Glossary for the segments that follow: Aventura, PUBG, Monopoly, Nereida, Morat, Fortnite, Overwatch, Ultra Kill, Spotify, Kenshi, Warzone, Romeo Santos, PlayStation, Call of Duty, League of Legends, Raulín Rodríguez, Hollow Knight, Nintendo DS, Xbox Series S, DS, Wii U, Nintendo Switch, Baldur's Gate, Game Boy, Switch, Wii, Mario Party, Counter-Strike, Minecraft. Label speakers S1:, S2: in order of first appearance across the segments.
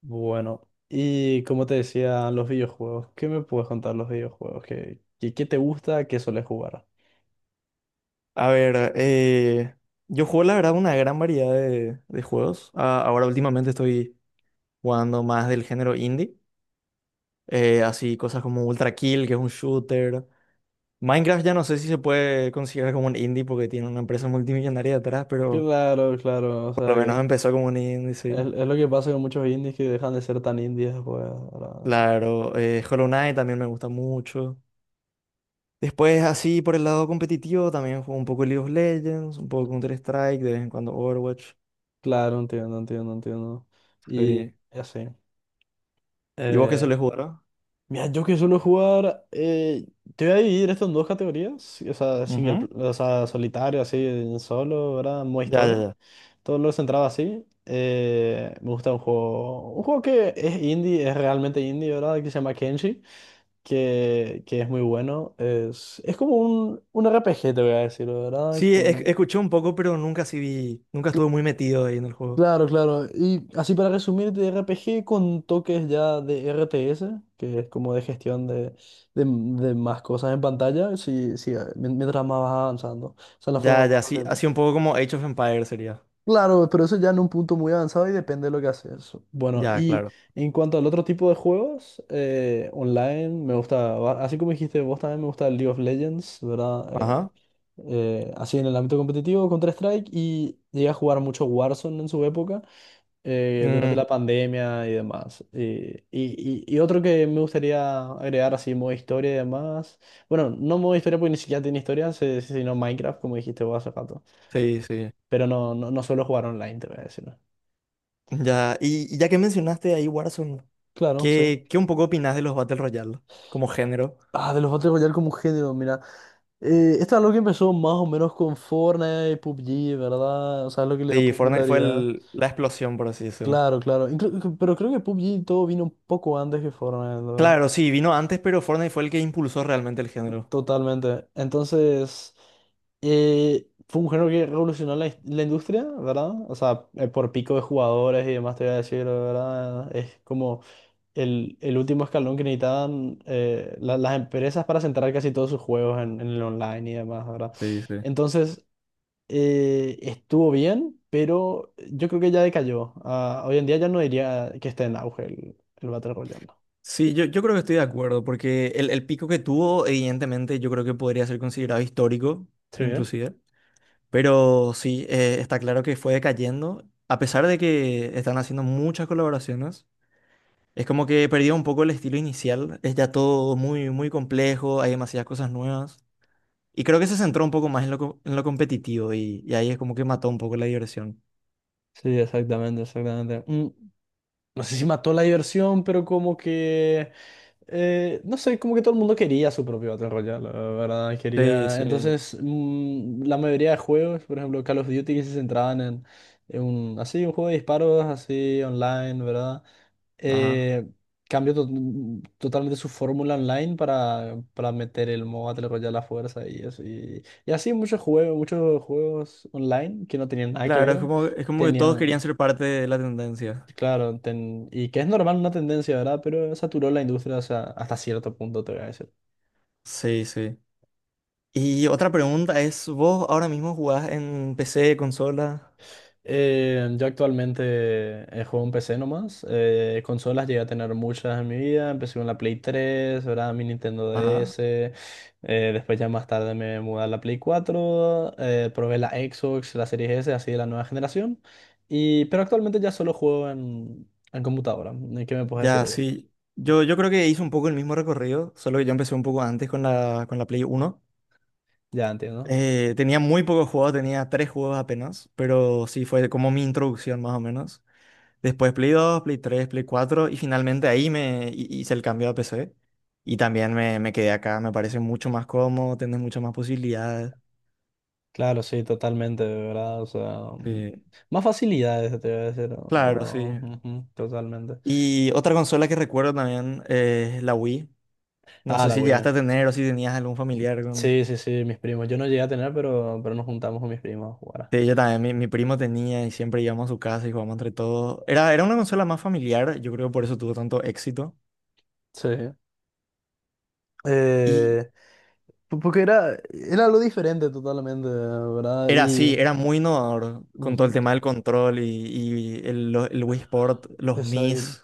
S1: Bueno, y como te decía, los videojuegos. ¿Qué me puedes contar los videojuegos? ¿Qué te gusta? ¿Qué sueles jugar?
S2: A ver, yo juego la verdad una gran variedad de juegos. Ah, ahora últimamente estoy jugando más del género indie, así cosas como Ultra Kill, que es un shooter. Minecraft ya no sé si se puede considerar como un indie porque tiene una empresa multimillonaria detrás, pero
S1: Claro, claro. O sea,
S2: por lo menos
S1: que
S2: empezó como un indie,
S1: es,
S2: sí.
S1: es lo que pasa con muchos indies que dejan de ser tan indies pues ahora.
S2: Claro, Hollow Knight también me gusta mucho. Después, así por el lado competitivo, también juego un poco League of Legends, un poco Counter-Strike, de vez en cuando Overwatch.
S1: Claro, entiendo, entiendo, entiendo. Y
S2: Sí.
S1: y así.
S2: ¿Y vos qué sueles jugar? ¿ah?
S1: Mira, yo que suelo jugar, te voy a dividir esto en dos categorías, sí, o sea, single,
S2: Ujú.
S1: o sea, solitario, así, en solo, ¿verdad? Modo
S2: Ya, ya,
S1: historia.
S2: ya.
S1: Todo lo centrado así. Me gusta un juego que es indie, es realmente indie, ¿verdad? Que se llama Kenshi, que es muy bueno. Es como un RPG, te voy a decir, ¿verdad?
S2: Sí,
S1: Con...
S2: escuché un poco, pero nunca sí vi, nunca estuve muy metido ahí en el juego.
S1: Claro, claro. Y así para resumir, de RPG con toques ya de RTS, que es como de gestión de, de más cosas en pantalla, sí, sí, mientras más vas avanzando. Esa es la forma
S2: Ya,
S1: más
S2: ya, sí,
S1: fácil, ¿no?
S2: así un poco como Age of Empires sería.
S1: Claro, pero eso ya en un punto muy avanzado y depende de lo que haces. Bueno,
S2: Ya,
S1: y
S2: claro.
S1: en cuanto al otro tipo de juegos, online, me gusta, así como dijiste vos también me gusta el League of Legends, ¿verdad?
S2: Ajá.
S1: Así en el ámbito competitivo, Counter-Strike, y llegué a jugar mucho Warzone en su época durante
S2: Mm,
S1: la pandemia y demás. Y otro que me gustaría agregar así, modo historia y demás. Bueno, no modo historia porque ni siquiera tiene historia, sino Minecraft, como dijiste vos hace rato.
S2: sí, sí.
S1: Pero no, no, no suelo jugar online, te voy a decir, ¿no?
S2: Ya, y ya que mencionaste ahí Warzone,
S1: Claro, sí.
S2: ¿qué un poco opinás de los Battle Royale como género?
S1: Ah, de los Battle Royale como género, mira. Esto es algo que empezó más o menos con Fortnite y PUBG, ¿verdad? O sea, es lo que le dio
S2: Sí, Fortnite fue
S1: popularidad.
S2: la explosión, por así decirlo.
S1: Claro, claro. Pero creo que PUBG todo vino un poco antes que Fortnite, ¿verdad?
S2: Claro, sí, vino antes, pero Fortnite fue el que impulsó realmente el género.
S1: Totalmente. Entonces, fue un género que revolucionó la, la industria, ¿verdad? O sea, por pico de jugadores y demás, te voy a decir, ¿verdad? Es como el último escalón que necesitaban las empresas para centrar casi todos sus juegos en el online y demás, ¿verdad?
S2: Sí, sí.
S1: Entonces, estuvo bien, pero yo creo que ya decayó. Ah, hoy en día ya no diría que esté en auge el Battle Royale.
S2: Sí, yo creo que estoy de acuerdo, porque el pico que tuvo, evidentemente, yo creo que podría ser considerado histórico,
S1: Sí, ¿eh?
S2: inclusive. Pero sí, está claro que fue decayendo. A pesar de que están haciendo muchas colaboraciones, es como que perdió un poco el estilo inicial. Es ya todo muy, muy complejo, hay demasiadas cosas nuevas. Y creo que se centró un poco más en en lo competitivo y ahí es como que mató un poco la diversión.
S1: Sí, exactamente, exactamente. No sé si mató la diversión, pero como que... no sé, como que todo el mundo quería su propio Battle Royale, la verdad,
S2: Sí,
S1: quería...
S2: sí.
S1: Entonces, la mayoría de juegos, por ejemplo, Call of Duty, que se centraban en un, así, un juego de disparos, así, online, ¿verdad?
S2: Ajá.
S1: Eh, cambió totalmente su fórmula online para meter el modo Battle Royale a la fuerza y eso. Y así muchos juegos online que no tenían nada que
S2: Claro, es
S1: ver,
S2: como, es como que todos querían
S1: tenían...
S2: ser parte de la tendencia.
S1: Claro, y que es normal una tendencia, ¿verdad? Pero saturó la industria hasta, hasta cierto punto, te voy a decir.
S2: Sí, sí. y otra pregunta es, ¿vos ahora mismo jugás en PC, consola?
S1: Yo actualmente juego en PC nomás. Consolas llegué a tener muchas en mi vida. Empecé con la Play 3, ¿verdad? Mi Nintendo
S2: Ajá.
S1: DS. Después ya más tarde me mudé a la Play 4, probé la Xbox, la Series S, así de la nueva generación. Pero actualmente ya solo juego en computadora. ¿Qué me puedes decir
S2: Ya,
S1: vos?
S2: sí. Yo creo que hice un poco el mismo recorrido, solo que yo empecé un poco antes con la Play 1.
S1: Ya entiendo.
S2: Tenía muy pocos juegos, tenía tres juegos apenas, pero sí fue como mi introducción más o menos. Después Play 2 Play 3 Play 4 y finalmente ahí me hice el cambio a PC. Y también me quedé acá, me parece mucho más cómodo, tienes muchas más posibilidades.
S1: Claro, sí, totalmente, de ¿verdad? O sea,
S2: Sí.
S1: más facilidades, te voy a decir,
S2: Claro, sí.
S1: ¿no? Ujú, totalmente.
S2: Y otra consola que recuerdo también, es la Wii. No
S1: Ah,
S2: sé
S1: la
S2: si
S1: Wii.
S2: llegaste a tener o si tenías algún familiar con...
S1: Sí, sí, sí, mis primos. Yo no llegué a tener, pero nos juntamos con mis primos a jugar.
S2: Sí, yo también, mi primo tenía y siempre íbamos a su casa y jugábamos entre todos. Era una consola más familiar, yo creo que por eso tuvo tanto éxito.
S1: Sí.
S2: Y
S1: Eh, porque era algo diferente totalmente, ¿verdad?
S2: era así,
S1: Y...
S2: era muy innovador con todo el
S1: ujú,
S2: tema del control y el Wii Sport, los
S1: exacto.
S2: Mis,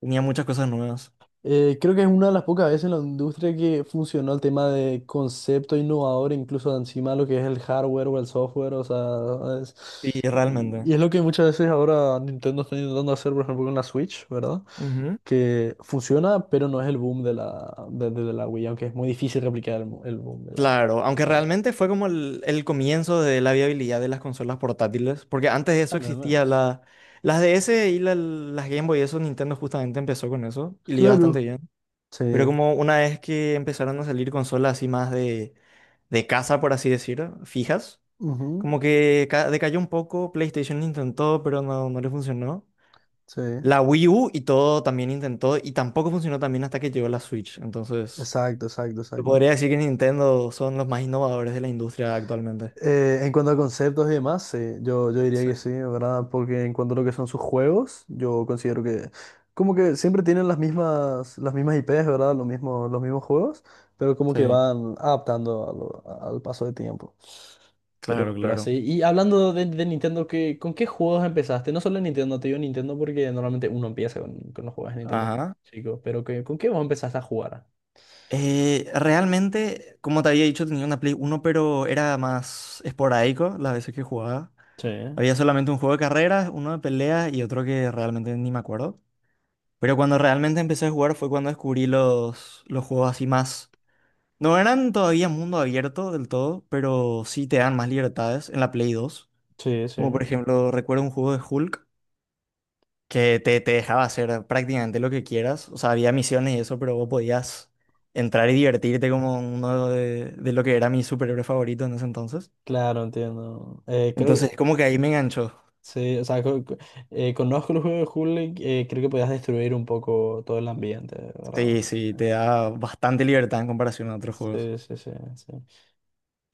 S2: tenía muchas cosas nuevas.
S1: Creo que es una de las pocas veces en la industria que funcionó el tema de concepto innovador, incluso encima lo que es el hardware o el software, o sea,
S2: Y realmente.
S1: y es lo que muchas veces ahora Nintendo está intentando hacer, por ejemplo, con la Switch, ¿verdad?
S2: Ujú.
S1: Que funciona, pero no es el boom de la Wii, aunque es muy difícil replicar el boom de la,
S2: Claro,
S1: de
S2: aunque
S1: la Wii.
S2: realmente fue como el comienzo de la viabilidad de las consolas portátiles, porque antes de eso
S1: También, ¿no?
S2: existía las DS y las Game Boy, eso Nintendo justamente empezó con eso y le iba bastante
S1: Claro.
S2: bien.
S1: Sí,
S2: Pero como una vez que empezaron a salir consolas así más de casa, por así decirlo, fijas,
S1: ujú,
S2: como que decayó un poco, PlayStation intentó, pero no, no le funcionó.
S1: sí,
S2: La Wii U y todo también intentó y tampoco funcionó también hasta que llegó la Switch. Entonces,
S1: exacto, exacto,
S2: yo
S1: exacto.
S2: podría decir que Nintendo son los más innovadores de la industria actualmente.
S1: En cuanto a conceptos y demás, sí, yo diría
S2: Sí,
S1: que sí, ¿verdad? Porque en cuanto a lo que son sus juegos, yo considero que como que siempre tienen las mismas IPs, ¿verdad? Los mismos juegos, pero como que
S2: sí,
S1: van adaptando al paso del tiempo.
S2: claro,
S1: Pero
S2: claro.
S1: así, y hablando de Nintendo, con qué juegos empezaste? No solo en Nintendo, te digo Nintendo porque normalmente uno empieza con los juegos de Nintendo,
S2: Ajá.
S1: chicos, pero ¿con qué vos empezaste a jugar?
S2: Realmente, como te había dicho, tenía una Play 1 pero era más esporádico las veces que jugaba.
S1: Sí,
S2: Había solamente un juego de carreras, uno de peleas y otro que realmente ni me acuerdo. Pero cuando realmente empecé a jugar fue cuando descubrí los juegos así más. No eran todavía mundo abierto del todo, pero sí te dan más libertades en la Play 2.
S1: sí,
S2: Como
S1: sí.
S2: por ejemplo, recuerdo un juego de Hulk que te dejaba hacer prácticamente lo que quieras. O sea, había misiones y eso, pero vos podías entrar y divertirte como uno de lo que era mi superhéroe favorito en ese entonces.
S1: Claro, entiendo. Creo
S2: Entonces,
S1: que,
S2: como que ahí me enganchó.
S1: sí, o sea, conozco el juego de Hulk, creo que podías destruir un poco todo el ambiente, ¿verdad?
S2: Sí, sí, te da bastante libertad en comparación a otros juegos.
S1: Sí, sí, sí, sí, sí.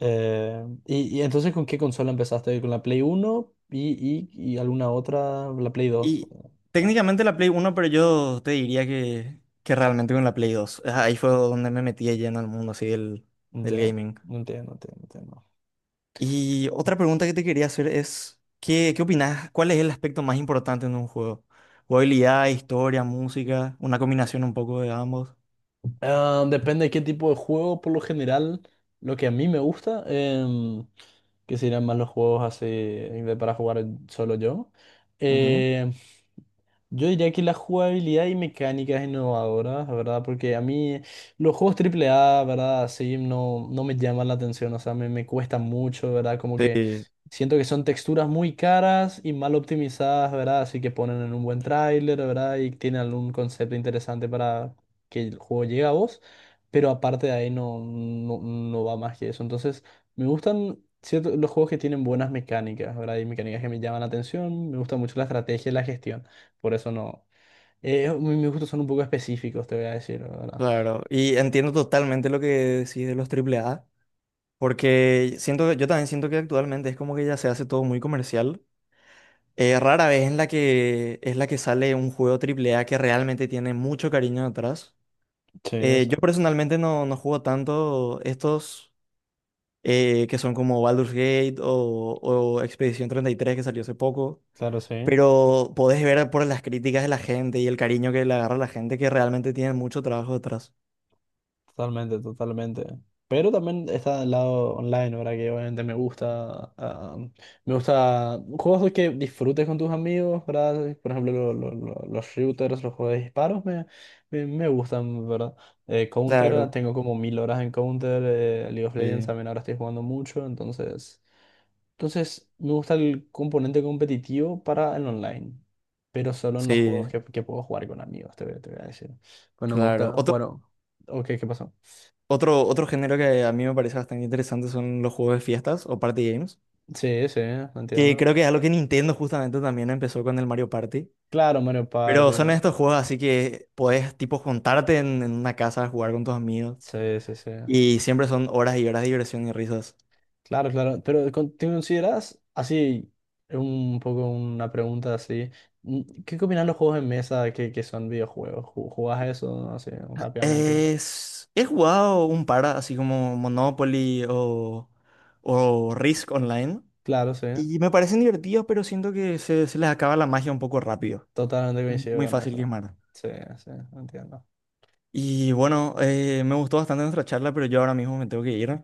S1: Y entonces con qué consola empezaste? ¿Con la Play 1 y alguna otra? ¿La Play 2?
S2: Y
S1: No,
S2: técnicamente la Play Uno, pero yo te diría que realmente con la Play 2, ah, ahí fue donde me metí ya en el mundo así del
S1: ya,
S2: gaming.
S1: no entiendo, entiendo, entiendo.
S2: Y otra pregunta que te quería hacer es, ¿qué, qué opinás? ¿Cuál es el aspecto más importante en un juego? ¿Jugabilidad, historia, música? ¿Una combinación un poco de ambos?
S1: Ah, depende de qué tipo de juego, por lo general, lo que a mí me gusta. Que serían más los juegos así de para jugar solo yo.
S2: Ujú.
S1: Eh, yo diría que la jugabilidad y mecánicas innovadoras, ¿verdad? Porque a mí los juegos triple A, ¿verdad? Sí, no, no me llaman la atención, o sea, me cuesta mucho, ¿verdad? Como que
S2: Sí,
S1: siento que son texturas muy caras y mal optimizadas, ¿verdad? Así que ponen en un buen tráiler, ¿verdad? Y tienen algún concepto interesante para que el juego llegue a vos, pero aparte de ahí no, no, no va más que eso. Entonces, me gustan, cierto, los juegos que tienen buenas mecánicas, ¿verdad? Hay mecánicas que me llaman la atención, me gusta mucho la estrategia y la gestión, por eso no. Mis gustos son un poco específicos, te voy a decir, ¿verdad?
S2: claro. Y entiendo totalmente lo que decís de los triple A. Porque siento que, yo también siento que actualmente es como que ya se hace todo muy comercial. Rara vez en la que es la que sale un juego triple A que realmente tiene mucho cariño detrás.
S1: Sí,
S2: Yo personalmente no, no juego tanto estos, que son como Baldur's Gate o Expedición 33, que salió hace poco.
S1: claro, sí.
S2: Pero podés ver por las críticas de la gente y el cariño que le agarra la gente que realmente tiene mucho trabajo detrás.
S1: Totalmente, totalmente. Pero también está el lado online, ¿verdad? Que obviamente me gusta. Me gusta juegos que disfrutes con tus amigos, ¿verdad? Por ejemplo, los shooters, los juegos de disparos me gustan, ¿verdad? Counter,
S2: Claro.
S1: tengo como 1000 horas en Counter. League of Legends
S2: Sí,
S1: también ahora estoy jugando mucho. Entonces, entonces me gusta el componente competitivo para el online. Pero solo en los juegos
S2: sí,
S1: que puedo jugar con amigos, te voy a decir. Bueno, me
S2: claro.
S1: gusta jugar.
S2: Otro,
S1: Ok, ¿qué pasó?
S2: Otro, otro género que a mí me parece bastante interesante son los juegos de fiestas o party games,
S1: Sí, sí,
S2: que creo
S1: entiendo.
S2: que es algo que Nintendo justamente también empezó con el Mario Party.
S1: Claro, Mario Party,
S2: Pero son
S1: ¿no?
S2: estos juegos así que podés tipo juntarte en una casa a jugar con tus amigos
S1: Sí, sí, sí.
S2: y siempre son horas y horas de diversión y risas.
S1: Claro, claro. Pero ¿te consideras así, un poco una pregunta así? ¿Qué opinan los juegos de mesa que son videojuegos? ¿Jugás eso no? Así rápidamente?
S2: He jugado un par así como Monopoly o Risk Online
S1: Claro, sí.
S2: y me parecen divertidos, pero siento que se les acaba la magia un poco rápido.
S1: Totalmente
S2: Es
S1: coincido
S2: muy
S1: con
S2: fácil
S1: eso.
S2: quemar.
S1: Sí, sí, entiendo.
S2: Y bueno, me gustó bastante nuestra charla, pero yo ahora mismo me tengo que ir.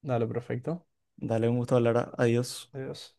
S1: Dale, perfecto.
S2: Dale, un gusto hablar. Adiós.
S1: Adiós.